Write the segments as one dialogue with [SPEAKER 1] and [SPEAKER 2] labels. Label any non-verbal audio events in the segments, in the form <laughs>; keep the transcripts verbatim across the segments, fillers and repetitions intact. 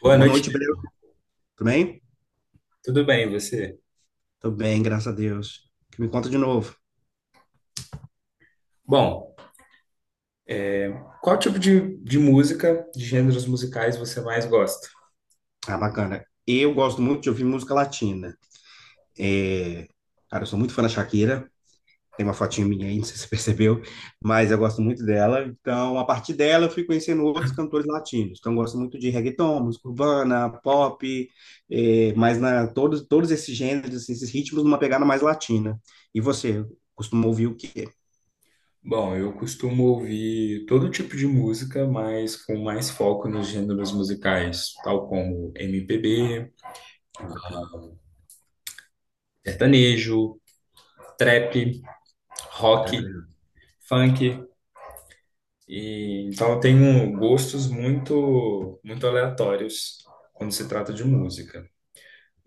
[SPEAKER 1] Boa
[SPEAKER 2] Boa
[SPEAKER 1] noite,
[SPEAKER 2] noite, Breu. Tudo bem?
[SPEAKER 1] tudo bem, e você?
[SPEAKER 2] Tudo bem, graças a Deus. O que me conta de novo.
[SPEAKER 1] Bom, qual tipo de, de música, de gêneros musicais você mais gosta?
[SPEAKER 2] Ah, bacana. Eu gosto muito de ouvir música latina. É, Cara, eu sou muito fã da Shakira. Tem uma fotinha minha aí, <laughs> não sei se você percebeu, mas eu gosto muito dela. Então, a partir dela, eu fui conhecendo outros cantores latinos. Então, eu gosto muito de reggaeton, música urbana, pop, é, mas na, todos, todos esses gêneros, assim, esses ritmos, numa pegada mais latina. E você, costuma ouvir o quê?
[SPEAKER 1] Bom, eu costumo ouvir todo tipo de música, mas com mais foco nos gêneros musicais, tal como M P B,
[SPEAKER 2] Ah, bacana.
[SPEAKER 1] sertanejo, trap, rock, funk. E, então eu tenho gostos muito, muito aleatórios quando se trata de música.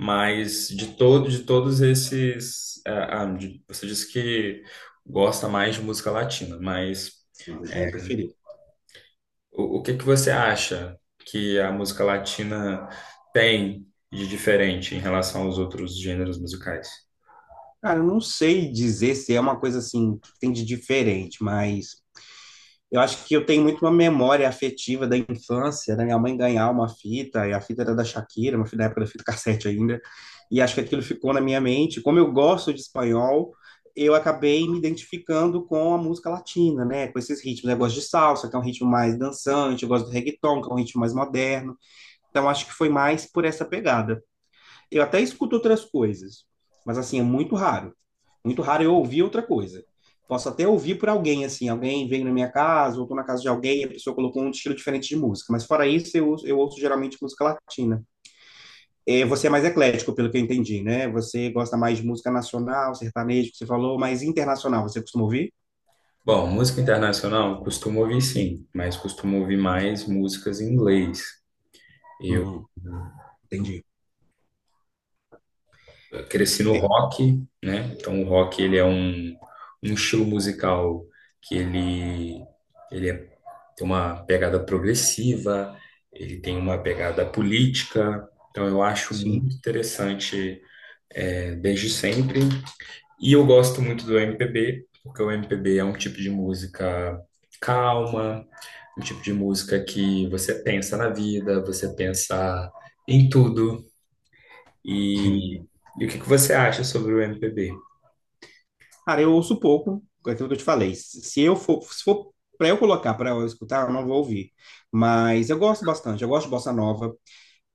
[SPEAKER 1] Mas de todo, de todos esses, ah, ah, de- você disse que gosta mais de música latina, mas
[SPEAKER 2] Gênero preferido.
[SPEAKER 1] o, o que que você acha que a música latina tem de diferente em relação aos outros gêneros musicais?
[SPEAKER 2] Cara, eu não sei dizer se é uma coisa assim que tem de diferente, mas eu acho que eu tenho muito uma memória afetiva da infância, da minha mãe ganhar uma fita, e a fita era da Shakira, uma fita da época da fita cassete ainda, e acho que aquilo ficou na minha mente. Como eu gosto de espanhol, eu acabei me identificando com a música latina, né? Com esses ritmos. Eu gosto de salsa, que é um ritmo mais dançante, eu gosto do reggaeton, que é um ritmo mais moderno. Então acho que foi mais por essa pegada. Eu até escuto outras coisas, mas assim, é muito raro. Muito raro eu ouvir outra coisa. Posso até ouvir por alguém, assim, alguém veio na minha casa, ou tô na casa de alguém, e a pessoa colocou um estilo diferente de música. Mas fora isso, eu, eu ouço geralmente música latina. É, você é mais eclético, pelo que eu entendi, né? Você gosta mais de música nacional, sertanejo, que você falou, mas internacional, você costuma ouvir?
[SPEAKER 1] Bom, música internacional costumo ouvir sim, mas costumo ouvir mais músicas em inglês.
[SPEAKER 2] Uhum. Entendi.
[SPEAKER 1] Cresci no
[SPEAKER 2] É,
[SPEAKER 1] rock, né? Então o rock, ele é um, um estilo musical que ele, ele é- tem uma pegada progressiva, ele tem uma pegada política. Então eu acho
[SPEAKER 2] sim.
[SPEAKER 1] muito interessante, é, desde sempre. E eu gosto muito do M P B, porque o M P B é um tipo de música calma, um tipo de música que você pensa na vida, você pensa em tudo. E,
[SPEAKER 2] <laughs>
[SPEAKER 1] e o que que você acha sobre o M P B?
[SPEAKER 2] Cara, eu ouço pouco, é aquilo que eu te falei. Se eu for, se for para eu colocar, para eu escutar, eu não vou ouvir. Mas eu gosto bastante, eu gosto de bossa nova.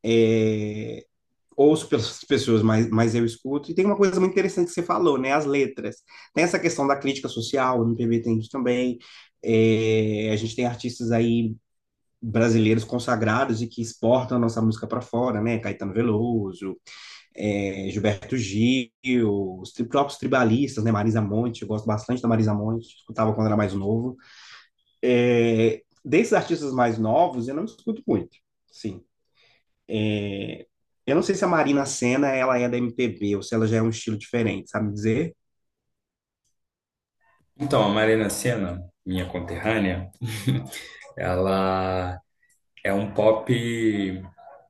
[SPEAKER 2] é, Ouço pelas <laughs> pessoas, mas, mas eu escuto. E tem uma coisa muito interessante que você falou, né? As letras. Tem essa questão da crítica social, no M P B tem isso também. É, a gente tem artistas aí brasileiros consagrados e que exportam a nossa música para fora, né? Caetano Veloso, é, Gilberto Gil, os tri- próprios tribalistas, né? Marisa Monte, eu gosto bastante da Marisa Monte, escutava quando era mais novo. É, desses artistas mais novos, eu não escuto muito, sim. Eu não sei se a Marina Sena ela é da M P B ou se ela já é um estilo diferente, sabe dizer?
[SPEAKER 1] Então, a Marina Sena, minha conterrânea, ela é um pop,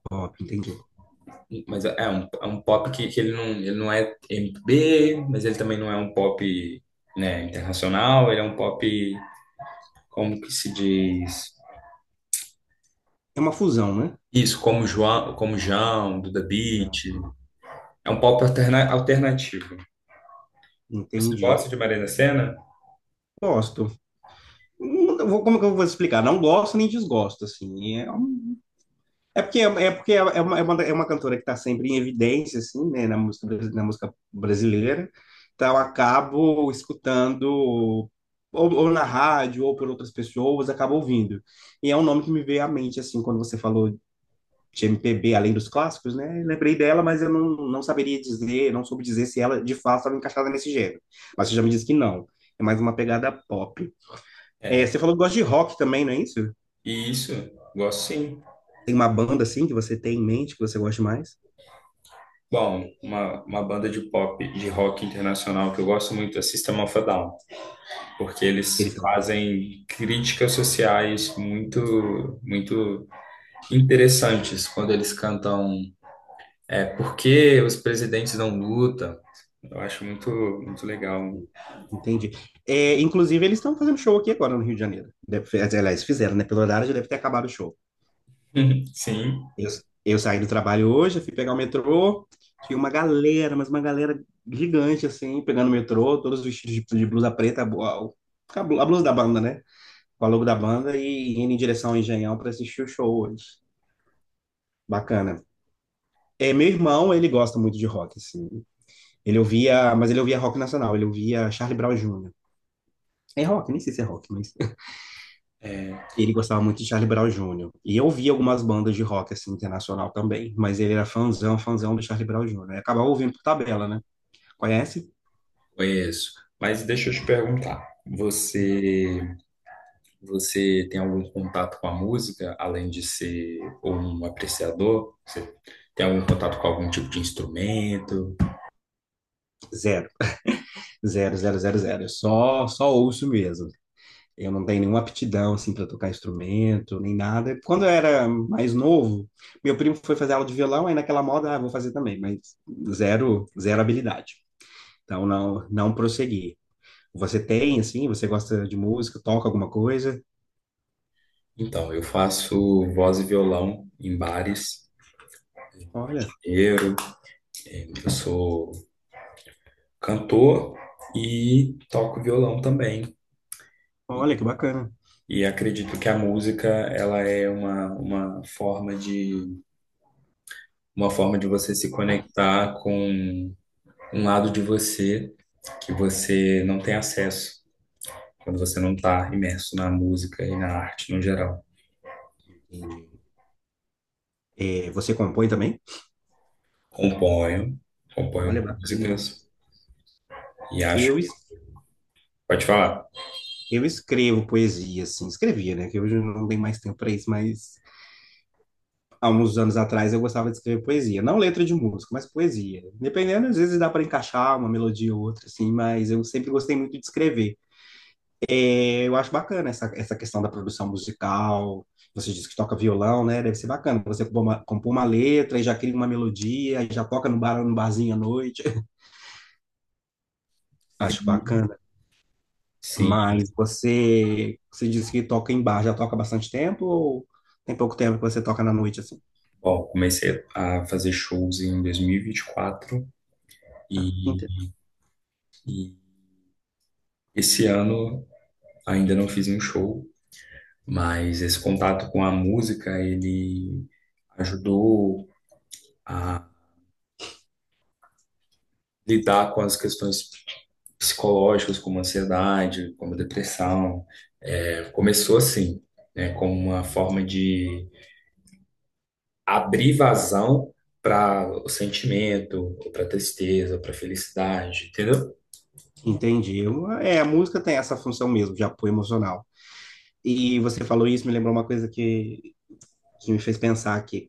[SPEAKER 2] Pop, entendi.
[SPEAKER 1] mas é um, é um pop que, que ele não, ele não é M P B, mas ele também não é um pop, né, internacional, ele é um pop, como que se diz?
[SPEAKER 2] É uma fusão, né?
[SPEAKER 1] Isso, como João, como João, Duda
[SPEAKER 2] Já.
[SPEAKER 1] Beat. É um pop alterna- alternativo. Você
[SPEAKER 2] Entendi.
[SPEAKER 1] gosta de Marina Sena?
[SPEAKER 2] Gosto. Não- eu vou- Como que eu vou explicar? Não gosto nem desgosto, assim. É um- É porque, é é porque é é uma, é uma, é uma cantora que está sempre em evidência, assim, né, na música, brasi- na música brasileira. Então, eu acabo escutando, ou, ou na rádio, ou por outras pessoas, acabo ouvindo. E é um nome que me veio à mente, assim, quando você falou de M P B, além dos clássicos, né? Lembrei dela, mas eu não, não saberia dizer, não soube dizer se ela, de fato, estava encaixada nesse gênero. Mas você já me disse que não. É mais uma pegada pop. É, você falou que gosta de rock também, não é isso?
[SPEAKER 1] Isso, gosto sim.
[SPEAKER 2] Tem uma banda, assim, que você tem em mente, que você gosta mais?
[SPEAKER 1] Bom, uma, uma banda de pop, de rock internacional que eu gosto muito é System of a Down. Porque eles fazem críticas sociais muito, muito interessantes quando eles cantam, é, por que os presidentes não lutam? Eu acho muito, muito legal.
[SPEAKER 2] Entendi. É, inclusive, eles estão fazendo show aqui agora no Rio de Janeiro. Deve, fe- aliás, fizeram, né? Pelo horário já deve ter acabado o show.
[SPEAKER 1] <laughs> Sim,
[SPEAKER 2] Eu, eu saí do trabalho hoje, fui pegar o metrô. Tinha uma galera, mas uma galera gigante, assim, pegando o metrô, todos vestidos de, de blusa preta, a, bu- a, blu- a blusa da banda, né? Com a logo da banda e indo em direção ao Engenhão para assistir o show hoje. Bacana. É, meu irmão, ele gosta muito de rock, assim. Ele ouvia, mas ele ouvia rock nacional, ele ouvia Charlie Brown jr É rock, nem sei se é rock, mas
[SPEAKER 1] é,
[SPEAKER 2] ele gostava muito de Charlie Brown Júnior. E eu ouvia algumas bandas de rock assim internacional também, mas ele era fãzão, fãzão do Charlie Brown Júnior. E acabava ouvindo por tabela, né? Conhece?
[SPEAKER 1] conheço. Mas deixa eu te perguntar, você, você tem algum contato com a música, além de ser um apreciador? Você tem algum contato com algum tipo de instrumento?
[SPEAKER 2] Zero, zero, zero, zero, zero. Eu Só, só ouço mesmo. Eu não tenho nenhuma aptidão assim para tocar instrumento, nem nada. Quando eu era mais novo, meu primo foi fazer aula de violão, aí naquela moda, ah, vou fazer também, mas zero, zero habilidade. Então não, não prossegui. Você tem assim, você gosta de música, toca alguma coisa?
[SPEAKER 1] Então, eu faço voz e violão em bares.
[SPEAKER 2] Olha,
[SPEAKER 1] Eu, eu sou cantor e toco violão também.
[SPEAKER 2] olha que bacana.
[SPEAKER 1] E acredito que a música, ela é uma, uma forma de uma forma de você se conectar com um lado de você que você não tem acesso quando você não está imerso na música e na arte no geral.
[SPEAKER 2] Entendi. É, você compõe também?
[SPEAKER 1] Componho,
[SPEAKER 2] Olha,
[SPEAKER 1] componho
[SPEAKER 2] bacana.
[SPEAKER 1] músicas e acho.
[SPEAKER 2] Eu, es-
[SPEAKER 1] Pode falar.
[SPEAKER 2] eu escrevo poesia, assim, escrevia, né? Que hoje eu não tenho mais tempo para isso, mas há uns anos atrás eu gostava de escrever poesia. Não letra de música, mas poesia. Dependendo, às vezes dá para encaixar uma melodia ou outra, assim, mas eu sempre gostei muito de escrever. É, eu acho bacana essa, essa questão da produção musical. Você diz que toca violão, né? Deve ser bacana. Você compõe uma, compõe uma letra e já cria uma melodia, aí já toca no bar, no barzinho à noite. <laughs> Acho
[SPEAKER 1] Sim,
[SPEAKER 2] bacana.
[SPEAKER 1] sim.
[SPEAKER 2] Mas você, você disse que toca em bar, já toca há bastante tempo ou tem pouco tempo que você toca na noite assim?
[SPEAKER 1] Bom, comecei a fazer shows em dois mil e vinte e quatro e,
[SPEAKER 2] Ente-
[SPEAKER 1] vinte e quatro, e, e esse ano ainda não fiz um show, mas esse contato com a música, ele ajudou a lidar com as questões psicológicas, como ansiedade, como depressão. É, começou assim, né, como uma forma de abrir vazão para o sentimento, ou para tristeza, para felicidade, entendeu?
[SPEAKER 2] Entendi. Eu- É, a música tem essa função mesmo de apoio emocional. E você falou isso, me lembrou uma coisa que, que me fez pensar aqui.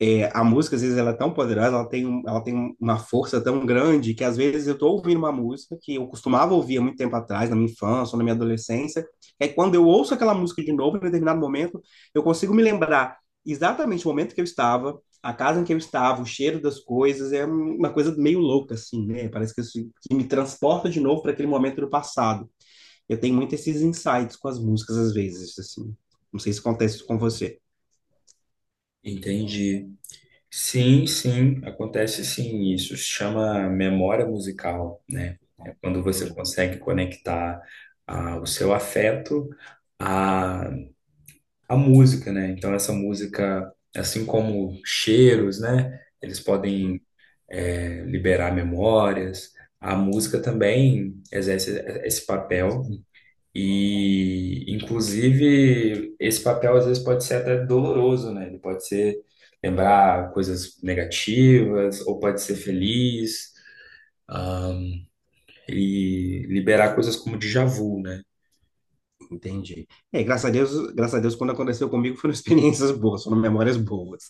[SPEAKER 2] É, a música, às vezes, ela é tão poderosa, ela tem, um- ela tem uma força tão grande que, às vezes, eu estou ouvindo uma música que eu costumava ouvir há muito tempo atrás, na minha infância ou na minha adolescência, e aí quando eu ouço aquela música de novo, em determinado momento, eu consigo me lembrar exatamente o momento que eu estava, a casa em que eu estava, o cheiro das coisas, é uma coisa meio louca, assim, né? Parece que, isso- que me transporta de novo para aquele momento do passado. Eu tenho muito esses insights com as músicas, às vezes, assim. Não sei se acontece isso com você.
[SPEAKER 1] Entende? Sim, sim, acontece sim, isso se chama memória musical, né? É quando você
[SPEAKER 2] Entendi.
[SPEAKER 1] consegue conectar, ah, o seu afeto à, à música, né? Então essa música, assim como cheiros, né? Eles podem, eh, liberar memórias. A música também exerce esse papel e, inclusive, esse papel às vezes pode ser até doloroso, né? Ele pode ser lembrar coisas negativas, ou pode ser feliz, ah, e liberar coisas como déjà vu, né?
[SPEAKER 2] Entendi. É, graças a Deus, graças a Deus, quando aconteceu comigo foram <laughs> experiências boas, foram memórias boas.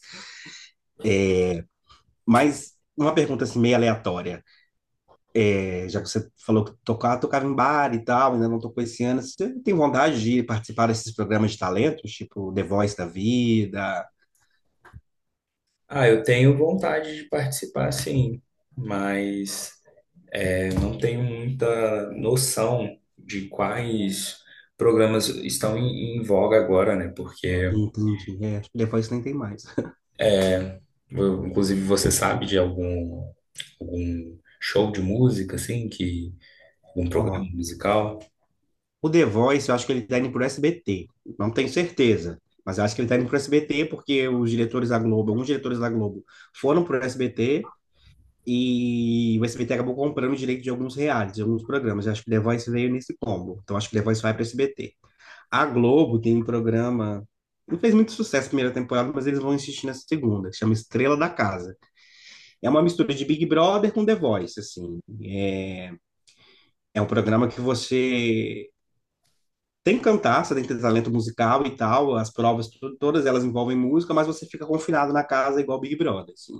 [SPEAKER 2] Mas uma pergunta assim meio aleatória, é, já que você falou que tocava, tocava em bar e tal, ainda não tocou esse ano, você tem vontade de participar desses programas de talentos, tipo The Voice da vida?
[SPEAKER 1] Ah, eu tenho vontade de participar, sim, mas eu não tenho muita noção de quais programas estão em, em voga agora, né? Porque,
[SPEAKER 2] Entendi, é, acho que The Voice nem tem mais.
[SPEAKER 1] eu- inclusive, você sabe de algum? Algum show de música, assim, que algum programa
[SPEAKER 2] Ó,
[SPEAKER 1] musical.
[SPEAKER 2] o The Voice, eu acho que ele tá indo pro S B T, não tenho certeza. Mas eu acho que ele tá indo pro S B T porque os diretores da Globo, alguns diretores da Globo foram pro S B T. E o S B T acabou comprando o direito de alguns realities, de alguns programas. Eu acho que The Voice veio nesse combo. Então acho que The Voice vai para o S B T. A Globo tem um programa. Não fez muito sucesso na primeira temporada, mas eles vão insistir nessa segunda, que chama Estrela da Casa. É uma mistura de Big Brother com The Voice, assim. É, é um programa que você tem que cantar, você tem que ter talento musical e tal. As provas, tu- todas elas envolvem música, mas você fica confinado na casa igual Big Brother, assim.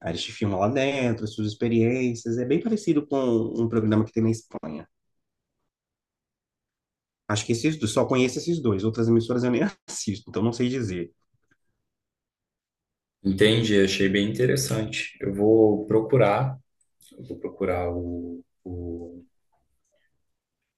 [SPEAKER 2] Aí eles te filmam lá dentro, suas experiências. É bem parecido com um programa que tem na Espanha. Acho que esses dois, só conheço esses dois. Outras emissoras eu nem <laughs> assisto, então não sei dizer.
[SPEAKER 1] Entendi, achei bem interessante. Eu vou procurar, eu vou procurar o, o-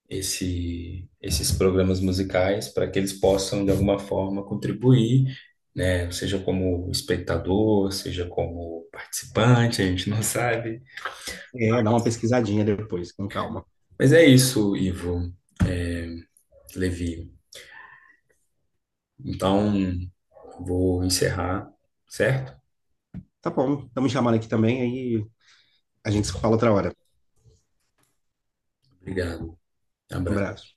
[SPEAKER 1] esse, esses programas musicais para que eles possam, de alguma forma, contribuir, né? Seja como espectador, seja como participante, a gente não sabe.
[SPEAKER 2] É, dá uma pesquisadinha depois, com calma.
[SPEAKER 1] Mas é isso, Ivo Levi. Então, vou encerrar, certo?
[SPEAKER 2] Tá bom, estamos chamando aqui também, aí a gente se fala outra hora.
[SPEAKER 1] Obrigado. Abraço.
[SPEAKER 2] Abraço.